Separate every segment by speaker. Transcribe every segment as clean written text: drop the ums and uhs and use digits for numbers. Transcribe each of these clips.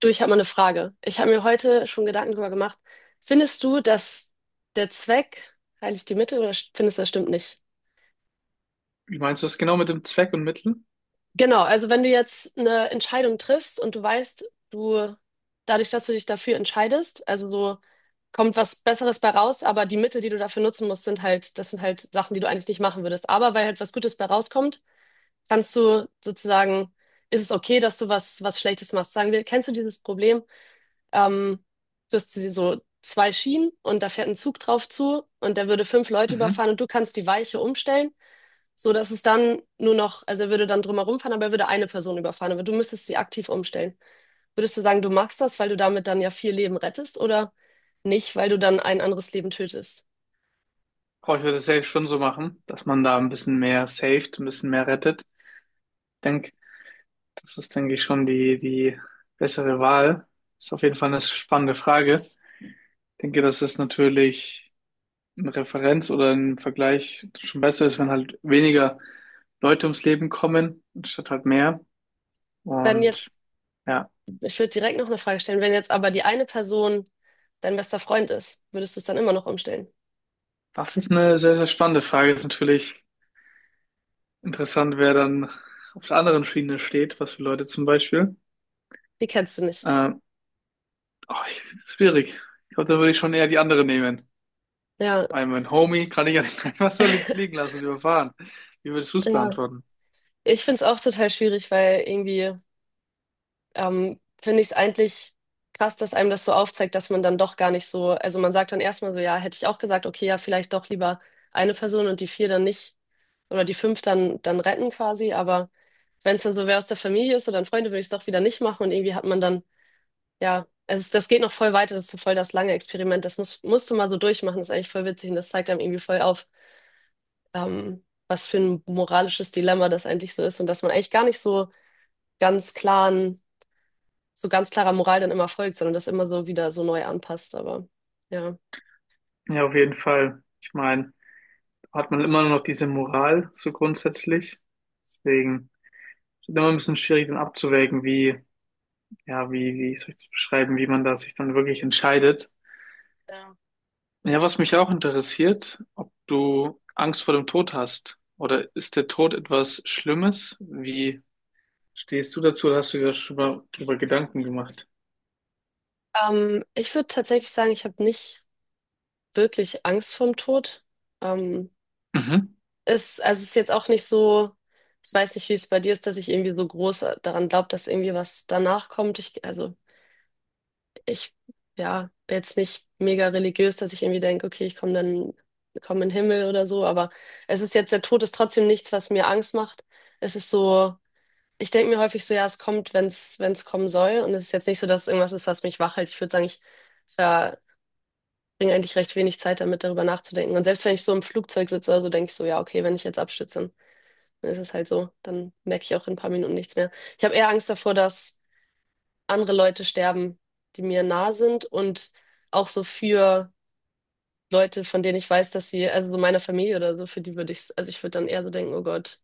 Speaker 1: Du, ich habe mal eine Frage. Ich habe mir heute schon Gedanken darüber gemacht. Findest du, dass der Zweck heiligt die Mittel oder findest du, das stimmt nicht?
Speaker 2: Wie meinst du das genau mit dem Zweck und Mittel?
Speaker 1: Genau, also wenn du jetzt eine Entscheidung triffst und du weißt, du, dadurch, dass du dich dafür entscheidest, also so kommt was Besseres bei raus, aber die Mittel, die du dafür nutzen musst, sind halt, das sind halt Sachen, die du eigentlich nicht machen würdest. Aber weil halt was Gutes bei rauskommt, kannst du sozusagen, ist es okay, dass du was, was Schlechtes machst. Sagen wir, kennst du dieses Problem? Ähm, Du hast so zwei Schienen und da fährt ein Zug drauf zu und der würde fünf Leute
Speaker 2: Mhm.
Speaker 1: überfahren und du kannst die Weiche umstellen, so dass es dann nur noch, also er würde dann drumherum fahren, aber er würde eine Person überfahren, aber du müsstest sie aktiv umstellen. Würdest du sagen, du machst das, weil du damit dann ja vier Leben rettest, oder nicht, weil du dann ein anderes Leben tötest?
Speaker 2: Boah, ich würde es safe schon so machen, dass man da ein bisschen mehr saved, ein bisschen mehr rettet. Ich denke, das ist, denke ich, schon die bessere Wahl. Ist auf jeden Fall eine spannende Frage. Ich denke, dass es natürlich eine Referenz oder ein Vergleich schon besser ist, wenn halt weniger Leute ums Leben kommen, anstatt halt mehr.
Speaker 1: Wenn jetzt,
Speaker 2: Und ja,
Speaker 1: ich würde direkt noch eine Frage stellen, wenn jetzt aber die eine Person dein bester Freund ist, würdest du es dann immer noch umstellen?
Speaker 2: das ist eine sehr, sehr spannende Frage. Ist natürlich interessant, wer dann auf der anderen Schiene steht, was für Leute zum Beispiel.
Speaker 1: Die kennst du nicht.
Speaker 2: Ähm, Ach, das ist schwierig. Ich glaube, da würde ich schon eher die andere nehmen.
Speaker 1: Ja,
Speaker 2: Weil mein Homie kann ich ja nicht einfach so links liegen lassen und überfahren. Wie würdest du es
Speaker 1: ja.
Speaker 2: beantworten?
Speaker 1: Ich finde es auch total schwierig, weil irgendwie finde ich es eigentlich krass, dass einem das so aufzeigt, dass man dann doch gar nicht so, also man sagt dann erstmal so, ja, hätte ich auch gesagt, okay, ja, vielleicht doch lieber eine Person und die vier dann nicht oder die fünf dann, dann retten quasi, aber wenn es dann so wer aus der Familie ist oder ein Freund, würde ich es doch wieder nicht machen und irgendwie hat man dann, ja, es ist, das geht noch voll weiter, das ist so voll das lange Experiment, das musst du mal so durchmachen, das ist eigentlich voll witzig und das zeigt einem irgendwie voll auf, was für ein moralisches Dilemma das eigentlich so ist und dass man eigentlich gar nicht so ganz klaren, so ganz klarer Moral dann immer folgt, sondern das immer so wieder so neu anpasst. Aber ja.
Speaker 2: Ja, auf jeden Fall. Ich meine, da hat man immer noch diese Moral, so grundsätzlich. Deswegen ist es immer ein bisschen schwierig, dann abzuwägen, wie, ja, wie, wie soll ich das beschreiben, wie man da sich dann wirklich entscheidet.
Speaker 1: Ja.
Speaker 2: Ja, was mich auch interessiert, ob du Angst vor dem Tod hast. Oder ist der Tod etwas Schlimmes? Wie stehst du dazu? Oder hast du dir darüber, darüber Gedanken gemacht?
Speaker 1: Ich würde tatsächlich sagen, ich habe nicht wirklich Angst vorm Tod. Ähm,
Speaker 2: Mhm.
Speaker 1: es, also es ist jetzt auch nicht so, ich weiß nicht, wie es bei dir ist, dass ich irgendwie so groß daran glaube, dass irgendwie was danach kommt. Ich, ja, bin jetzt nicht mega religiös, dass ich irgendwie denke, okay, ich komme dann, komme in den Himmel oder so. Aber es ist jetzt, der Tod ist trotzdem nichts, was mir Angst macht. Es ist so, ich denke mir häufig so, ja, es kommt, wenn es wenn es kommen soll. Und es ist jetzt nicht so, dass es irgendwas ist, was mich wach hält. Ich würde sagen, ich verbringe eigentlich recht wenig Zeit damit, darüber nachzudenken. Und selbst wenn ich so im Flugzeug sitze, also denke ich so, ja, okay, wenn ich jetzt abstütze, dann ist es halt so. Dann merke ich auch in ein paar Minuten nichts mehr. Ich habe eher Angst davor, dass andere Leute sterben, die mir nah sind, und auch so für Leute, von denen ich weiß, dass sie, also so meine Familie oder so, für die würde ich, also ich würde dann eher so denken, oh Gott.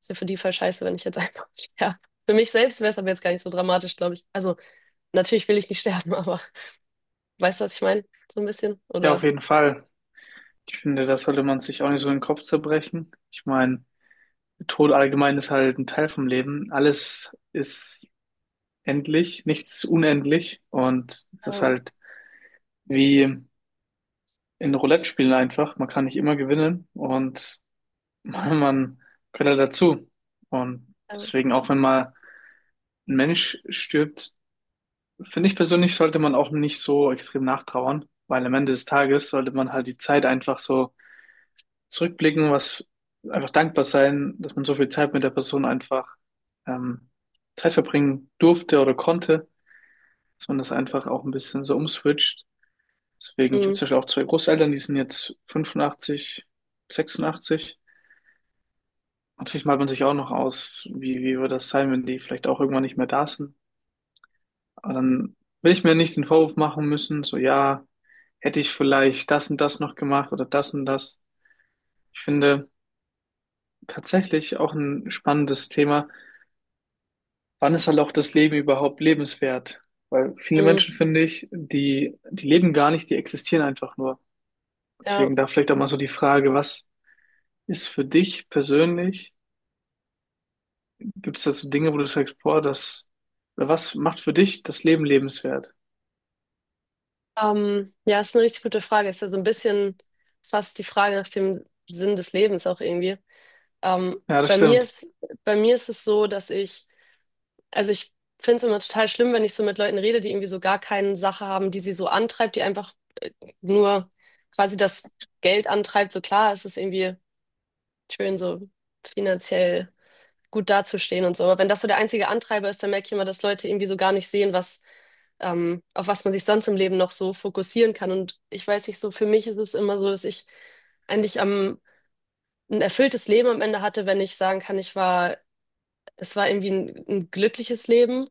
Speaker 1: Ist ja für die voll scheiße, wenn ich jetzt einfach sterbe. Für mich selbst wäre es aber jetzt gar nicht so dramatisch, glaube ich. Also, natürlich will ich nicht sterben, aber weißt du, was ich meine? So ein bisschen?
Speaker 2: Ja, auf
Speaker 1: Oder?
Speaker 2: jeden Fall. Ich finde, das sollte man sich auch nicht so in den Kopf zerbrechen. Ich meine, Tod allgemein ist halt ein Teil vom Leben. Alles ist endlich, nichts ist unendlich. Und das ist
Speaker 1: Ähm,
Speaker 2: halt wie in Roulette spielen einfach. Man kann nicht immer gewinnen und man gehört halt dazu. Und
Speaker 1: ähm,
Speaker 2: deswegen, auch wenn mal ein Mensch stirbt, finde ich persönlich, sollte man auch nicht so extrem nachtrauern, weil am Ende des Tages sollte man halt die Zeit einfach so zurückblicken, was einfach dankbar sein, dass man so viel Zeit mit der Person einfach ähm, Zeit verbringen durfte oder konnte, dass man das einfach auch ein bisschen so umswitcht. Deswegen, ich habe
Speaker 1: mm,
Speaker 2: zum Beispiel auch zwei Großeltern, die sind jetzt 85, 86. Natürlich malt man sich auch noch aus, wie, wie wird das sein, wenn die vielleicht auch irgendwann nicht mehr da sind. Aber dann will ich mir nicht den Vorwurf machen müssen, so ja, hätte ich vielleicht das und das noch gemacht oder das und das. Ich finde tatsächlich auch ein spannendes Thema, wann ist halt auch das Leben überhaupt lebenswert? Weil viele
Speaker 1: mm,
Speaker 2: Menschen, finde ich, die leben gar nicht, die existieren einfach nur.
Speaker 1: ja.
Speaker 2: Deswegen da vielleicht auch mal so die Frage, was ist für dich persönlich? Gibt es da so Dinge, wo du sagst, boah, das, oder was macht für dich das Leben lebenswert?
Speaker 1: Ja, ist eine richtig gute Frage. Ist ja so ein bisschen fast die Frage nach dem Sinn des Lebens auch irgendwie. Ähm,
Speaker 2: Ja, das
Speaker 1: bei mir
Speaker 2: stimmt.
Speaker 1: ist, bei mir ist es so, dass ich... Also ich finde es immer total schlimm, wenn ich so mit Leuten rede, die irgendwie so gar keine Sache haben, die sie so antreibt, die einfach äh, nur quasi das Geld antreibt. So klar, es ist irgendwie schön, so finanziell gut dazustehen und so. Aber wenn das so der einzige Antreiber ist, dann merke ich immer, dass Leute irgendwie so gar nicht sehen, was, auf was man sich sonst im Leben noch so fokussieren kann. Und ich weiß nicht, so für mich ist es immer so, dass ich eigentlich am, ein erfülltes Leben am Ende hatte, wenn ich sagen kann, ich war das war irgendwie ein glückliches Leben.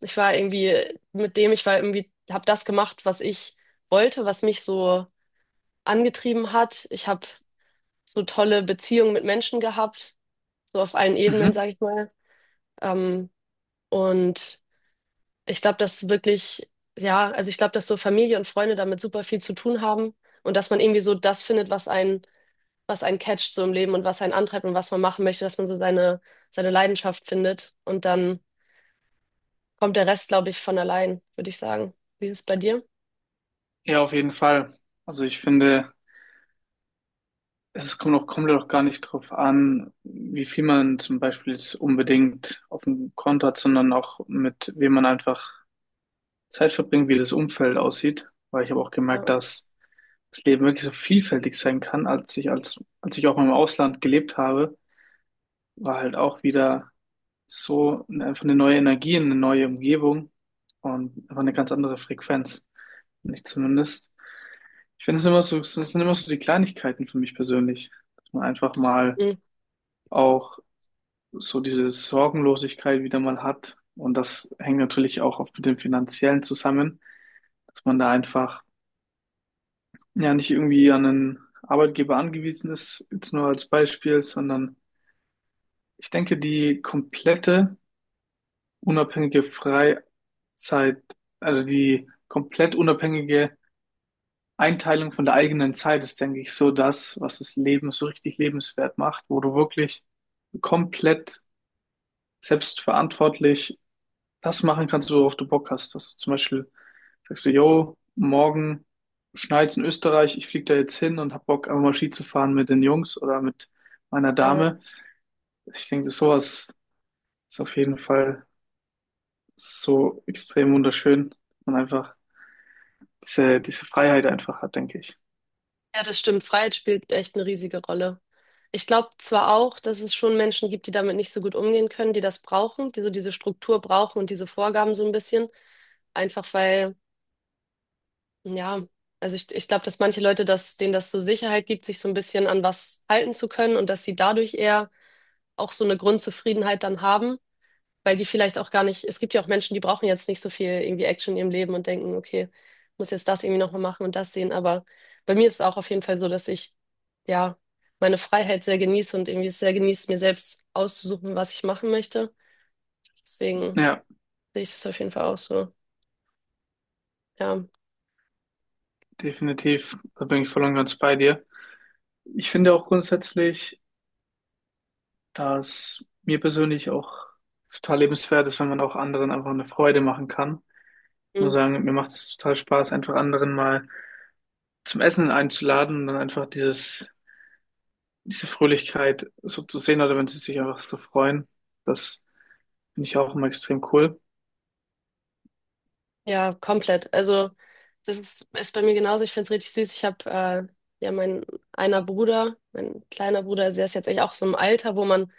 Speaker 1: Ich war irgendwie mit dem, ich war irgendwie, habe das gemacht, was ich wollte, was mich so angetrieben hat. Ich habe so tolle Beziehungen mit Menschen gehabt, so auf allen Ebenen,
Speaker 2: Mhm.
Speaker 1: sage ich mal. Ähm, und ich glaube, dass wirklich, ja, also ich glaube, dass so Familie und Freunde damit super viel zu tun haben und dass man irgendwie so das findet, was einen catcht so im Leben und was einen antreibt und was man machen möchte, dass man so seine, seine Leidenschaft findet und dann kommt der Rest, glaube ich, von allein, würde ich sagen. Wie ist es bei dir?
Speaker 2: Ja, auf jeden Fall. Also ich finde, es kommt auch gar nicht drauf an, wie viel man zum Beispiel jetzt unbedingt auf dem Konto hat, sondern auch mit wem man einfach Zeit verbringen, wie das Umfeld aussieht, weil ich habe auch gemerkt,
Speaker 1: Ja.
Speaker 2: dass das Leben wirklich so vielfältig sein kann, als ich als ich auch mal im Ausland gelebt habe, war halt auch wieder so eine- einfach eine neue Energie, eine neue Umgebung und einfach eine ganz andere Frequenz, nicht zumindest. Ich finde es immer so, es sind immer so die Kleinigkeiten für mich persönlich, dass man einfach mal
Speaker 1: Mhm.
Speaker 2: auch so diese Sorgenlosigkeit wieder mal hat und das hängt natürlich auch oft mit dem Finanziellen zusammen, dass man da einfach ja nicht irgendwie an einen Arbeitgeber angewiesen ist, jetzt nur als Beispiel, sondern ich denke, die komplette unabhängige Freizeit, also die komplett unabhängige Einteilung von der eigenen Zeit ist, denke ich, so das, was das Leben so richtig lebenswert macht, wo du wirklich komplett selbstverantwortlich das machen kannst, worauf du Bock hast. Dass du zum Beispiel sagst du, yo, morgen schneit's in Österreich, ich fliege da jetzt hin und hab Bock, einfach mal Ski zu fahren mit den Jungs oder mit meiner
Speaker 1: Ja.
Speaker 2: Dame. Ich denke, das sowas ist auf jeden Fall so extrem wunderschön und einfach diese Freiheit einfach hat, denke ich.
Speaker 1: Ja, das stimmt. Freiheit spielt echt eine riesige Rolle. Ich glaube zwar auch, dass es schon Menschen gibt, die damit nicht so gut umgehen können, die das brauchen, die so diese Struktur brauchen und diese Vorgaben so ein bisschen. Einfach weil, ja, ich glaube, dass manche Leute, das, denen das so Sicherheit gibt, sich so ein bisschen an was halten zu können und dass sie dadurch eher auch so eine Grundzufriedenheit dann haben. Weil die vielleicht auch gar nicht, es gibt ja auch Menschen, die brauchen jetzt nicht so viel irgendwie Action in ihrem Leben und denken, okay, muss jetzt das irgendwie nochmal machen und das sehen. Aber bei mir ist es auch auf jeden Fall so, dass ich ja meine Freiheit sehr genieße und irgendwie es sehr genieße, mir selbst auszusuchen, was ich machen möchte. Deswegen
Speaker 2: Ja,
Speaker 1: sehe ich das auf jeden Fall auch so. Ja,
Speaker 2: definitiv. Da bin ich voll und ganz bei dir. Ich finde auch grundsätzlich, dass mir persönlich auch total lebenswert ist, wenn man auch anderen einfach eine Freude machen kann. Ich muss
Speaker 1: Mhm.
Speaker 2: sagen, mir macht es total Spaß, einfach anderen mal zum Essen einzuladen und dann einfach dieses, diese Fröhlichkeit so zu sehen oder wenn sie sich einfach so freuen. Das finde ich auch immer extrem cool.
Speaker 1: ja, komplett. Also das ist, ist bei mir genauso. Ich finde es richtig süß. Ich habe ja mein einer Bruder, mein kleiner Bruder, also der ist jetzt eigentlich auch so im Alter, wo man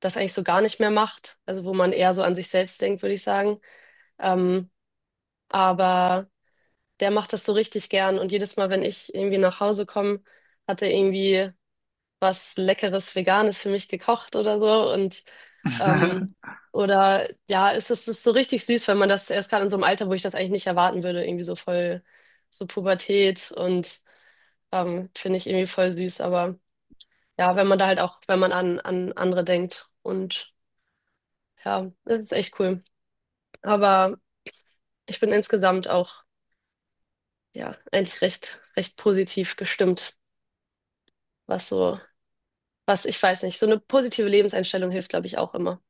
Speaker 1: das eigentlich so gar nicht mehr macht. Also wo man eher so an sich selbst denkt, würde ich sagen. Ähm, aber der macht das so richtig gern. Und jedes Mal, wenn ich irgendwie nach Hause komme, hat er irgendwie was Leckeres, Veganes für mich gekocht oder so. Und ähm, oder ja, es ist so richtig süß, wenn man das erst gerade in so einem Alter, wo ich das eigentlich nicht erwarten würde, irgendwie so voll so Pubertät und finde ich irgendwie voll süß. Aber ja, wenn man da halt auch, wenn man an, an andere denkt und ja, das ist echt cool. Aber ich bin insgesamt auch, ja, eigentlich recht, recht positiv gestimmt, was so, was, ich weiß nicht, so eine positive Lebenseinstellung hilft, glaube ich, auch immer.